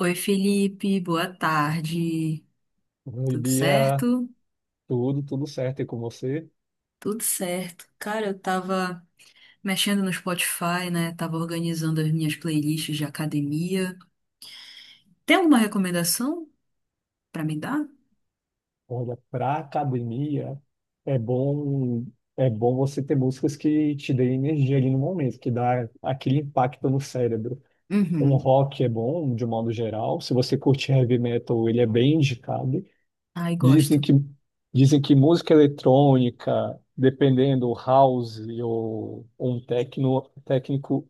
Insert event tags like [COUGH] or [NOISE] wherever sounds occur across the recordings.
Oi, Felipe, boa tarde. Bom Tudo dia, certo? tudo certo e com você? Tudo certo. Cara, eu tava mexendo no Spotify, né? Tava organizando as minhas playlists de academia. Tem alguma recomendação pra me dar? Olha, para academia é bom é bom você ter músicas que te deem energia ali no momento, que dá aquele impacto no cérebro. Um Uhum. rock é bom de um modo geral, se você curte heavy metal, ele é bem indicado. Ai, Dizem gosto. que dizem que música eletrônica, dependendo house ou um techno, técnico,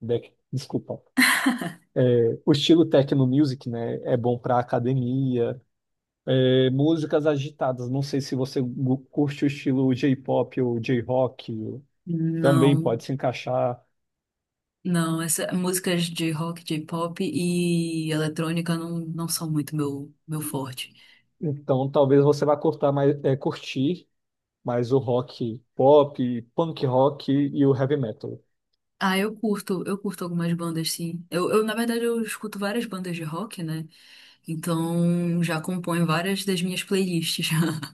desculpa, [LAUGHS] o estilo techno music, né, é bom para academia. É, músicas agitadas. Não sei se você curte o estilo J-pop ou J-rock, também Não, pode se encaixar. não, essa, músicas de rock, de pop e eletrônica não são muito meu forte. Então, talvez você vá curtar mais, curtir mais o rock pop, punk rock e o heavy metal. Ah, eu curto algumas bandas, sim. Na verdade, eu escuto várias bandas de rock, né? Então, já compõe várias das minhas playlists, [LAUGHS] já,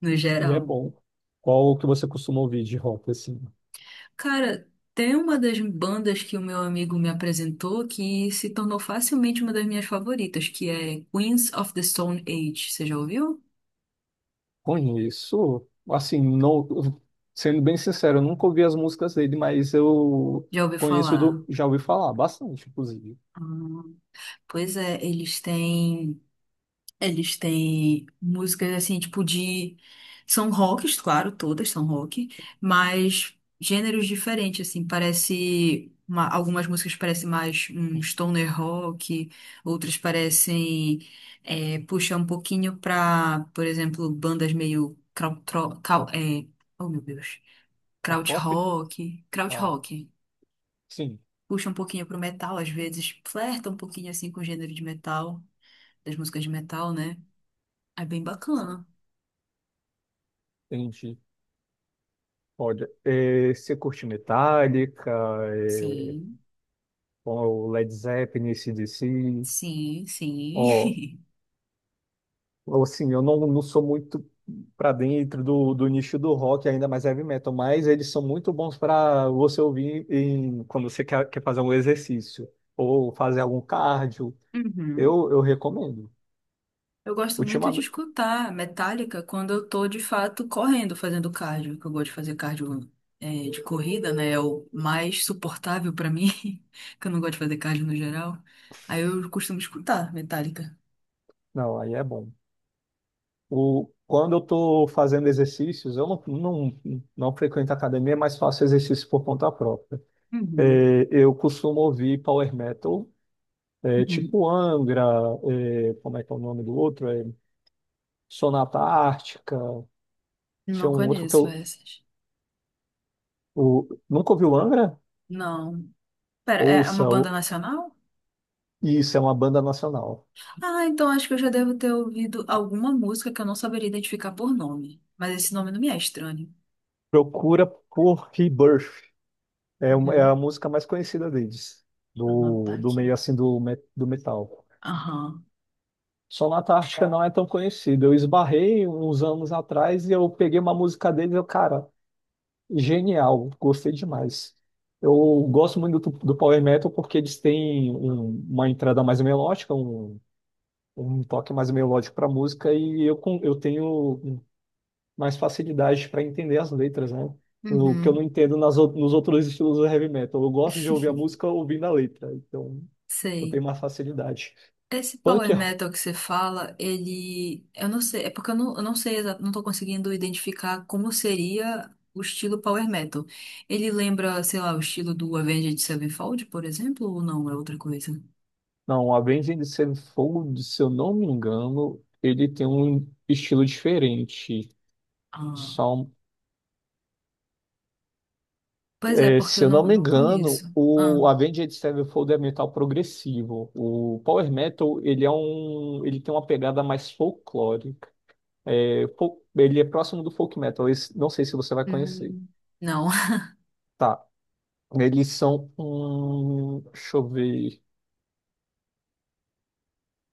no Aí é geral. bom. Qual que você costuma ouvir de rock, assim? Cara, tem uma das bandas que o meu amigo me apresentou que se tornou facilmente uma das minhas favoritas, que é Queens of the Stone Age. Você já ouviu? Conheço, assim, não, sendo bem sincero, eu nunca ouvi as músicas dele, mas eu Já ouviu conheço, falar? do, já ouvi falar bastante, inclusive. Ah, pois é, eles têm. Eles têm músicas assim, tipo de. São rocks, claro, todas são rock, mas gêneros diferentes, assim. Parece. Algumas músicas parecem mais um stoner rock, outras parecem. É, puxar um pouquinho pra, por exemplo, bandas meio. Crau, tro- cal- é, oh, meu Deus. Qual Kraut próprio? rock. Kraut Ah, rock. sim, Puxa um pouquinho pro metal, às vezes. Flerta um pouquinho assim com o gênero de metal, das músicas de metal, né? É bem bacana. entendi. Olha, é, você curte Metallica, é, Sim, ou Led Zeppelin, AC/DC? sim, Ó, sim. [LAUGHS] assim, eu não sou muito pra dentro do, do nicho do rock, ainda mais heavy metal, mas eles são muito bons pra você ouvir em, quando você quer, quer fazer um exercício ou fazer algum cardio. Uhum. Eu recomendo. Eu gosto muito de Ultimamente, escutar Metallica quando eu tô de fato correndo, fazendo cardio, que eu gosto de fazer cardio é, de corrida, né? É o mais suportável pra mim, [LAUGHS] que eu não gosto de fazer cardio no geral. Aí eu costumo escutar Metallica. não, aí é bom. O, quando eu tô fazendo exercícios, eu não frequento academia, mas faço exercício por conta própria. Uhum. É, eu costumo ouvir power metal, é, Uhum. tipo Angra, é, como é que é o nome do outro? É, Sonata Ártica. Tinha Não um outro que conheço eu. essas. Nunca ouviu Angra? Não. Pera, é uma Ouça, banda nacional? isso é uma banda nacional. Ah, então acho que eu já devo ter ouvido alguma música que eu não saberia identificar por nome. Mas esse nome não me é estranho. Procura por Rebirth. É, é a Uhum. música mais conhecida deles, Ela tá do, do meio aqui. assim do, do metal. Aham. Sonata Ártica não é tão conhecida. Eu esbarrei uns anos atrás e eu peguei uma música deles e eu, cara. Genial, gostei demais. Eu gosto muito do, do Power Metal porque eles têm uma entrada mais melódica, um toque mais melódico para a música e eu, eu tenho mais facilidade para entender as letras, né? O que eu não Uhum, entendo nas, nos outros estilos do heavy metal. Eu gosto de ouvir a música ouvindo a letra, então eu sei. tenho mais facilidade. Esse Punk, power metal que você fala, ele. Eu não sei, é porque eu não sei, não tô conseguindo identificar como seria o estilo power metal. Ele lembra, sei lá, o estilo do Avenged Sevenfold, por exemplo, ou não? É outra coisa? não, Avenged Sevenfold, se eu não me engano, ele tem um estilo diferente. Ah, pois é, É, porque se eu eu não não, me não engano, conheço. Ah, o Avenged Sevenfold é metal progressivo. O power metal, ele é um, ele tem uma pegada mais folclórica. É, ele é próximo do folk metal. Não sei se você vai conhecer. hum, não. Tá. Eles são um, deixa eu ver.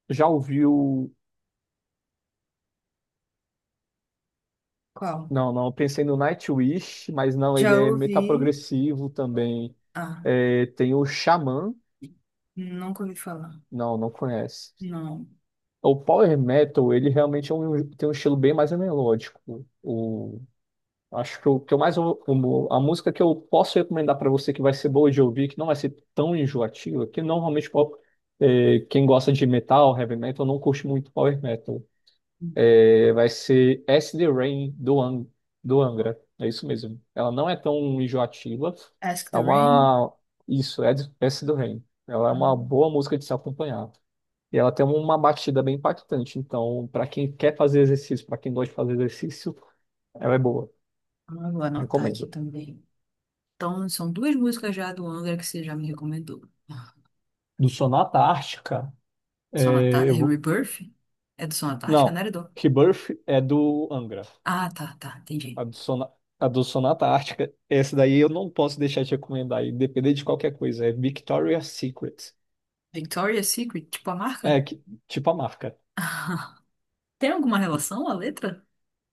Já ouviu? Qual? Não, não. eu Pensei no Nightwish, mas não. Ele Já é metal ouvi. progressivo também. Ah, É, tem o Xamã. nunca ouvi falar. Não, não conhece. Não. O power metal, ele realmente tem um estilo bem mais melódico. O, acho que o que eu a música que eu posso recomendar para você que vai ser boa de ouvir, que não vai ser tão enjoativa, que normalmente quem gosta de metal, heavy metal, não curte muito power metal. É, vai ser S. D. Rain do Angra. É isso mesmo. Ela não é tão enjoativa. Ask É the Ring? uma. Isso, S. D. Rain. Ela é uma Ah. boa música de se acompanhar. E ela tem uma batida bem impactante. Então, para quem quer fazer exercício, para quem gosta de fazer exercício, ela é boa. Ah, vou anotar aqui Recomendo. também. Então, são duas músicas já do Angra que você já me recomendou. Do Sonata Ártica, Sonata... é, é eu vou... Rebirth? É do Sonata Ártica, não Não, era. Rebirth é do Angra. Ah, tá, tá, A entendi. do Sona- a do Sonata Ártica. Essa daí eu não posso deixar de recomendar, independente de qualquer coisa. É Victoria's Secret. Victoria's Secret, tipo a marca? É, tipo a marca. [LAUGHS] Tem alguma relação a letra?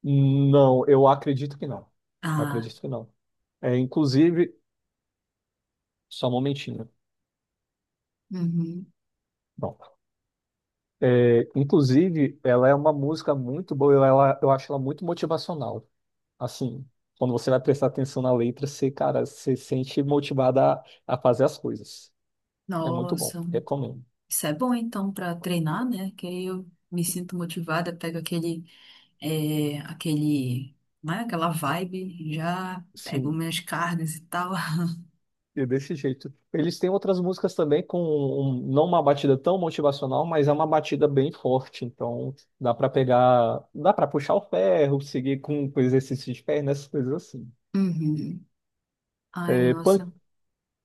Não, eu acredito que não. Ah, Acredito que não. É, inclusive, só um momentinho. uhum. Bom, é, inclusive, ela é uma música muito boa. Ela, eu acho ela muito motivacional. Assim, quando você vai prestar atenção na letra, você, cara, você sente motivada a fazer as coisas. É muito bom. Nossa, Recomendo. isso é bom então pra treinar, né? Que aí eu me sinto motivada, pego aquele, é, aquele, né? Aquela vibe, já pego Sim. minhas carnes e tal. [LAUGHS] E desse jeito. Eles têm outras músicas também com não uma batida tão motivacional, mas é uma batida bem forte. Então dá para pegar, dá para puxar o ferro, seguir com exercício de perna, essas coisas assim. Uhum. Ai, É, nossa.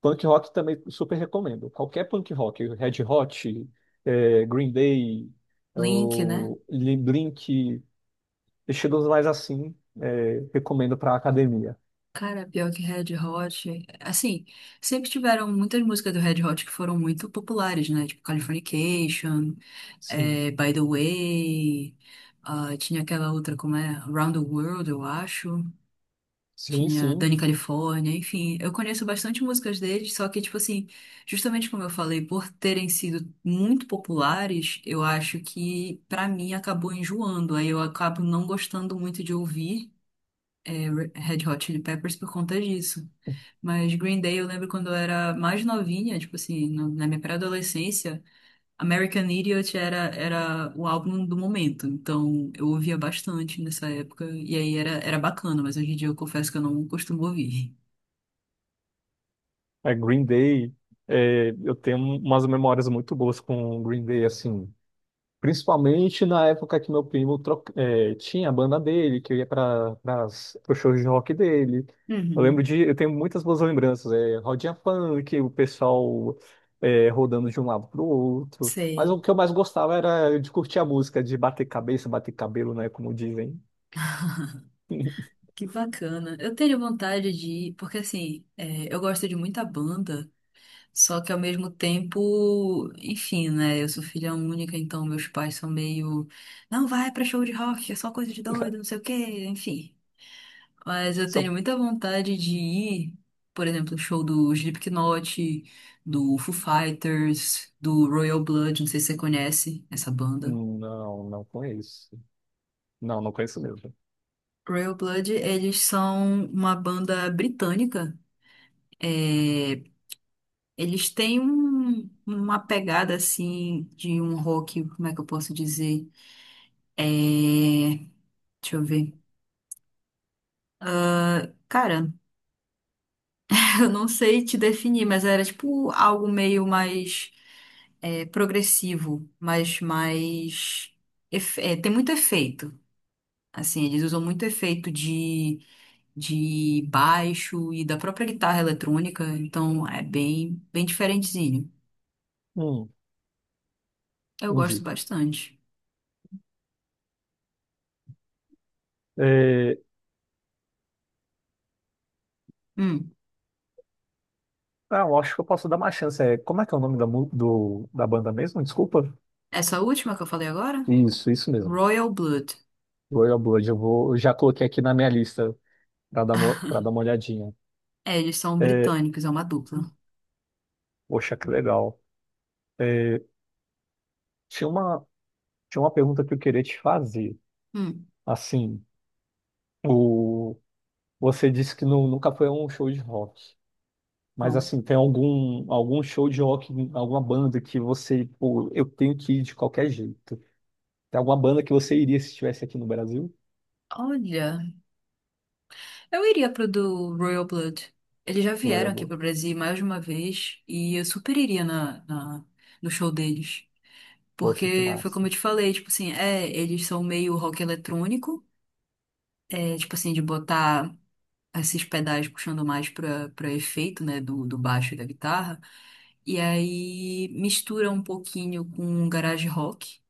punk rock também super recomendo. Qualquer punk rock, Red Hot, é, Green Day, Link, né? ou Blink, estilos mais assim, é, recomendo para academia. Cara, pior que Red Hot, assim, sempre tiveram muitas músicas do Red Hot que foram muito populares, né? Tipo Californication, Sim, By the Way, ah, tinha aquela outra, como é? Round the World, eu acho. sim, Tinha sim. Dani California, enfim. Eu conheço bastante músicas deles, só que, tipo assim, justamente como eu falei, por terem sido muito populares, eu acho que, pra mim, acabou enjoando. Aí eu acabo não gostando muito de ouvir Red Hot Chili Peppers por conta disso. Mas Green Day eu lembro quando eu era mais novinha, tipo assim, na minha pré-adolescência, American Idiot era o álbum do momento. Então eu ouvia bastante nessa época e aí era bacana, mas hoje em dia eu confesso que eu não costumo ouvir. É, Green Day, é, eu tenho umas memórias muito boas com Green Day, assim. Principalmente na época que meu primo tinha a banda dele, que eu ia para os shows de rock dele. Eu lembro Uhum, de. Eu tenho muitas boas lembranças. É, rodinha funk, o pessoal é, rodando de um lado para o outro. Mas o sei. que eu mais gostava era de curtir a música, de bater cabeça, bater cabelo, né? Como dizem. Que bacana. Eu tenho vontade de ir, porque assim, é, eu gosto de muita banda. Só que ao mesmo tempo, enfim, né? Eu sou filha única, então meus pais são meio, não vai pra show de rock, é só coisa de doido, não [LAUGHS] sei o quê, enfim. Mas eu tenho Só- muita vontade de ir, por exemplo, no show do Slipknot, do Foo Fighters, do Royal Blood, não sei se você conhece essa banda. Não, não conheço. Não, não conheço mesmo. Royal Blood, eles são uma banda britânica. É, eles têm uma pegada assim de um rock, como é que eu posso dizer? É... Deixa eu ver. Cara, [LAUGHS] eu não sei te definir, mas era tipo algo meio mais é, progressivo, mas mais. É, tem muito efeito. Assim, eles usam muito efeito de baixo e da própria guitarra eletrônica, então é bem diferentezinho. Hum, Eu gosto entendi. bastante. É, Hum, ah, eu acho que eu posso dar uma chance. É, como é que é o nome da, da banda mesmo? Desculpa. essa última que eu falei agora? Isso mesmo. Royal Blood. Royal Blood. Eu vou, eu já coloquei aqui na minha lista para dar, pra dar uma olhadinha. É, eles são É, britânicos, é uma dupla. poxa, que legal. É, tinha uma, tinha uma pergunta que eu queria te fazer. Hum. Assim, o, você disse que nunca foi a um show de rock. Mas Não. assim, tem algum, algum show de rock, alguma banda que você, pô, eu tenho que ir de qualquer jeito. Tem alguma banda que você iria se estivesse aqui no Brasil? Olha. Eu iria pro do Royal Blood. Eles já vieram Royal aqui Blood. pro Brasil mais de uma vez e eu super iria na no show deles. Poxa, que Porque foi como massa. eu te falei, tipo assim, é, eles são meio rock eletrônico, é, tipo assim, de botar esses pedais puxando mais pra, pra efeito, né, do, do baixo e da guitarra. E aí mistura um pouquinho com garage rock.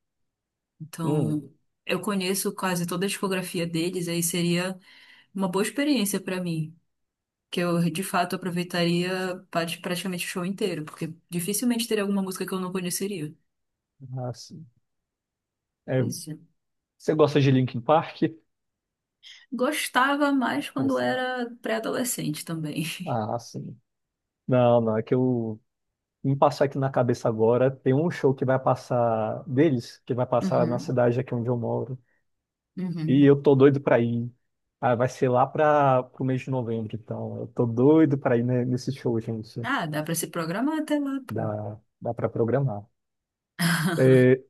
Hum, Então, eu conheço quase toda a discografia deles, aí seria uma boa experiência pra mim, que eu de fato aproveitaria praticamente o show inteiro, porque dificilmente teria alguma música que eu não conheceria. ah, sim. É, Pois é. você gosta de Linkin Park? Gostava mais quando Nossa. era pré-adolescente também. [LAUGHS] Ah, sim. Não, não, é que eu me passar aqui na cabeça agora, tem um show que vai passar deles, que vai passar na Uhum, cidade aqui onde eu moro, e uhum. eu tô doido pra ir. Ah, vai ser lá para pro mês de novembro, então eu tô doido pra ir nesse show, gente. Ah, dá pra se programar até lá, pô. Dá, dá para programar. [LAUGHS] É,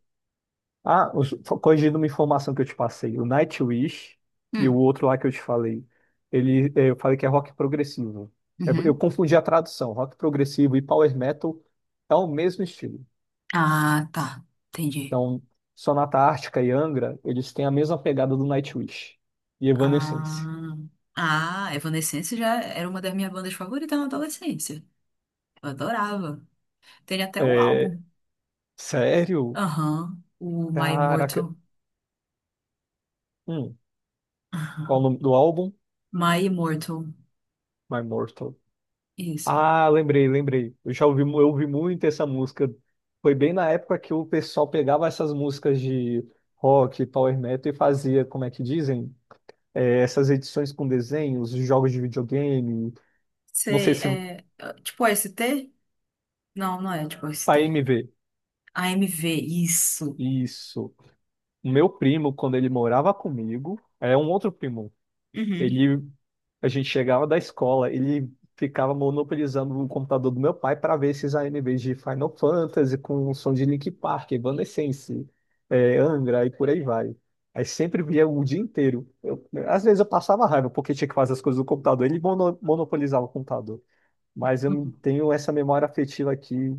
Ah, corrigindo uma informação que eu te passei, o Nightwish e o Hum, outro lá que eu te falei, ele, eh, eu falei que é rock progressivo. É, Eu uhum. confundi a tradução, rock progressivo e power metal é o mesmo estilo. Ah, tá. Entendi. Então, Sonata Ártica e Angra, eles têm a mesma pegada do Nightwish e Evanescence. Ah, ah, Evanescence já era uma das minhas bandas favoritas na adolescência. Eu adorava. Tem até o É, álbum. sério? Aham, o My Caraca. Immortal. Hum, qual o Aham. nome do álbum? My Immortal. My Mortal. Isso. Ah, lembrei, lembrei. Eu já ouvi, eu ouvi muito essa música. Foi bem na época que o pessoal pegava essas músicas de rock, power metal e fazia, como é que dizem? É, essas edições com desenhos, jogos de videogame. Não sei Sei, se é. Tipo AST. Não, não é tipo A S a T AMV. AMV, isso. Isso. O meu primo, quando ele morava comigo, é um outro primo, Uhum. Ele, a gente chegava da escola, ele ficava monopolizando o computador do meu pai para ver esses AMVs de Final Fantasy com som de Linkin Park, Evanescence, é, Angra e por aí vai. Aí sempre via o dia inteiro. Às vezes eu passava raiva porque tinha que fazer as coisas do computador, ele monopolizava o computador. Mas eu não tenho essa memória afetiva aqui,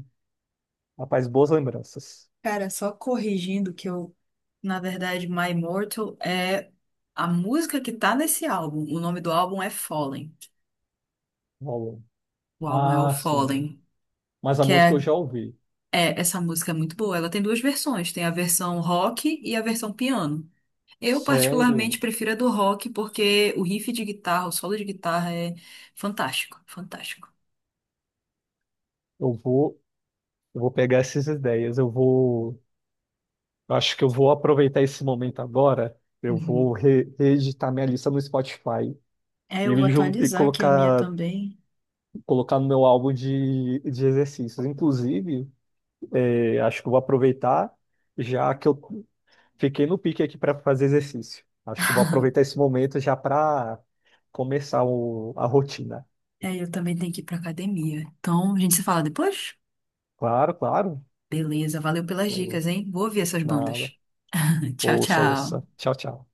rapaz, boas lembranças. Cara, só corrigindo que na verdade, My Immortal é a música que tá nesse álbum. O nome do álbum é Fallen. Rolou. O álbum é o Ah, sim. Fallen, Mas a que é, música eu já ouvi. é essa música é muito boa. Ela tem duas versões, tem a versão rock e a versão piano. Eu particularmente Sério? prefiro a do rock porque o riff de guitarra, o solo de guitarra é fantástico, fantástico. Eu vou. Eu vou pegar essas ideias. Eu vou. Eu Acho que eu vou aproveitar esse momento agora. Eu vou reeditar minha lista no Spotify É, eu vou e, atualizar aqui a minha colocar, também. colocar no meu álbum de exercícios. Inclusive, eh, acho que eu vou aproveitar, já que eu fiquei no pique aqui para fazer exercício. Acho que eu vou aproveitar esse momento já para começar a rotina. É, eu também tenho que ir pra academia. Então, a gente se fala depois? Claro, claro. Beleza, valeu pelas dicas, hein? Vou ouvir essas bandas. Nada. [LAUGHS] Tchau, Ouça, tchau. ouça. Tchau, tchau.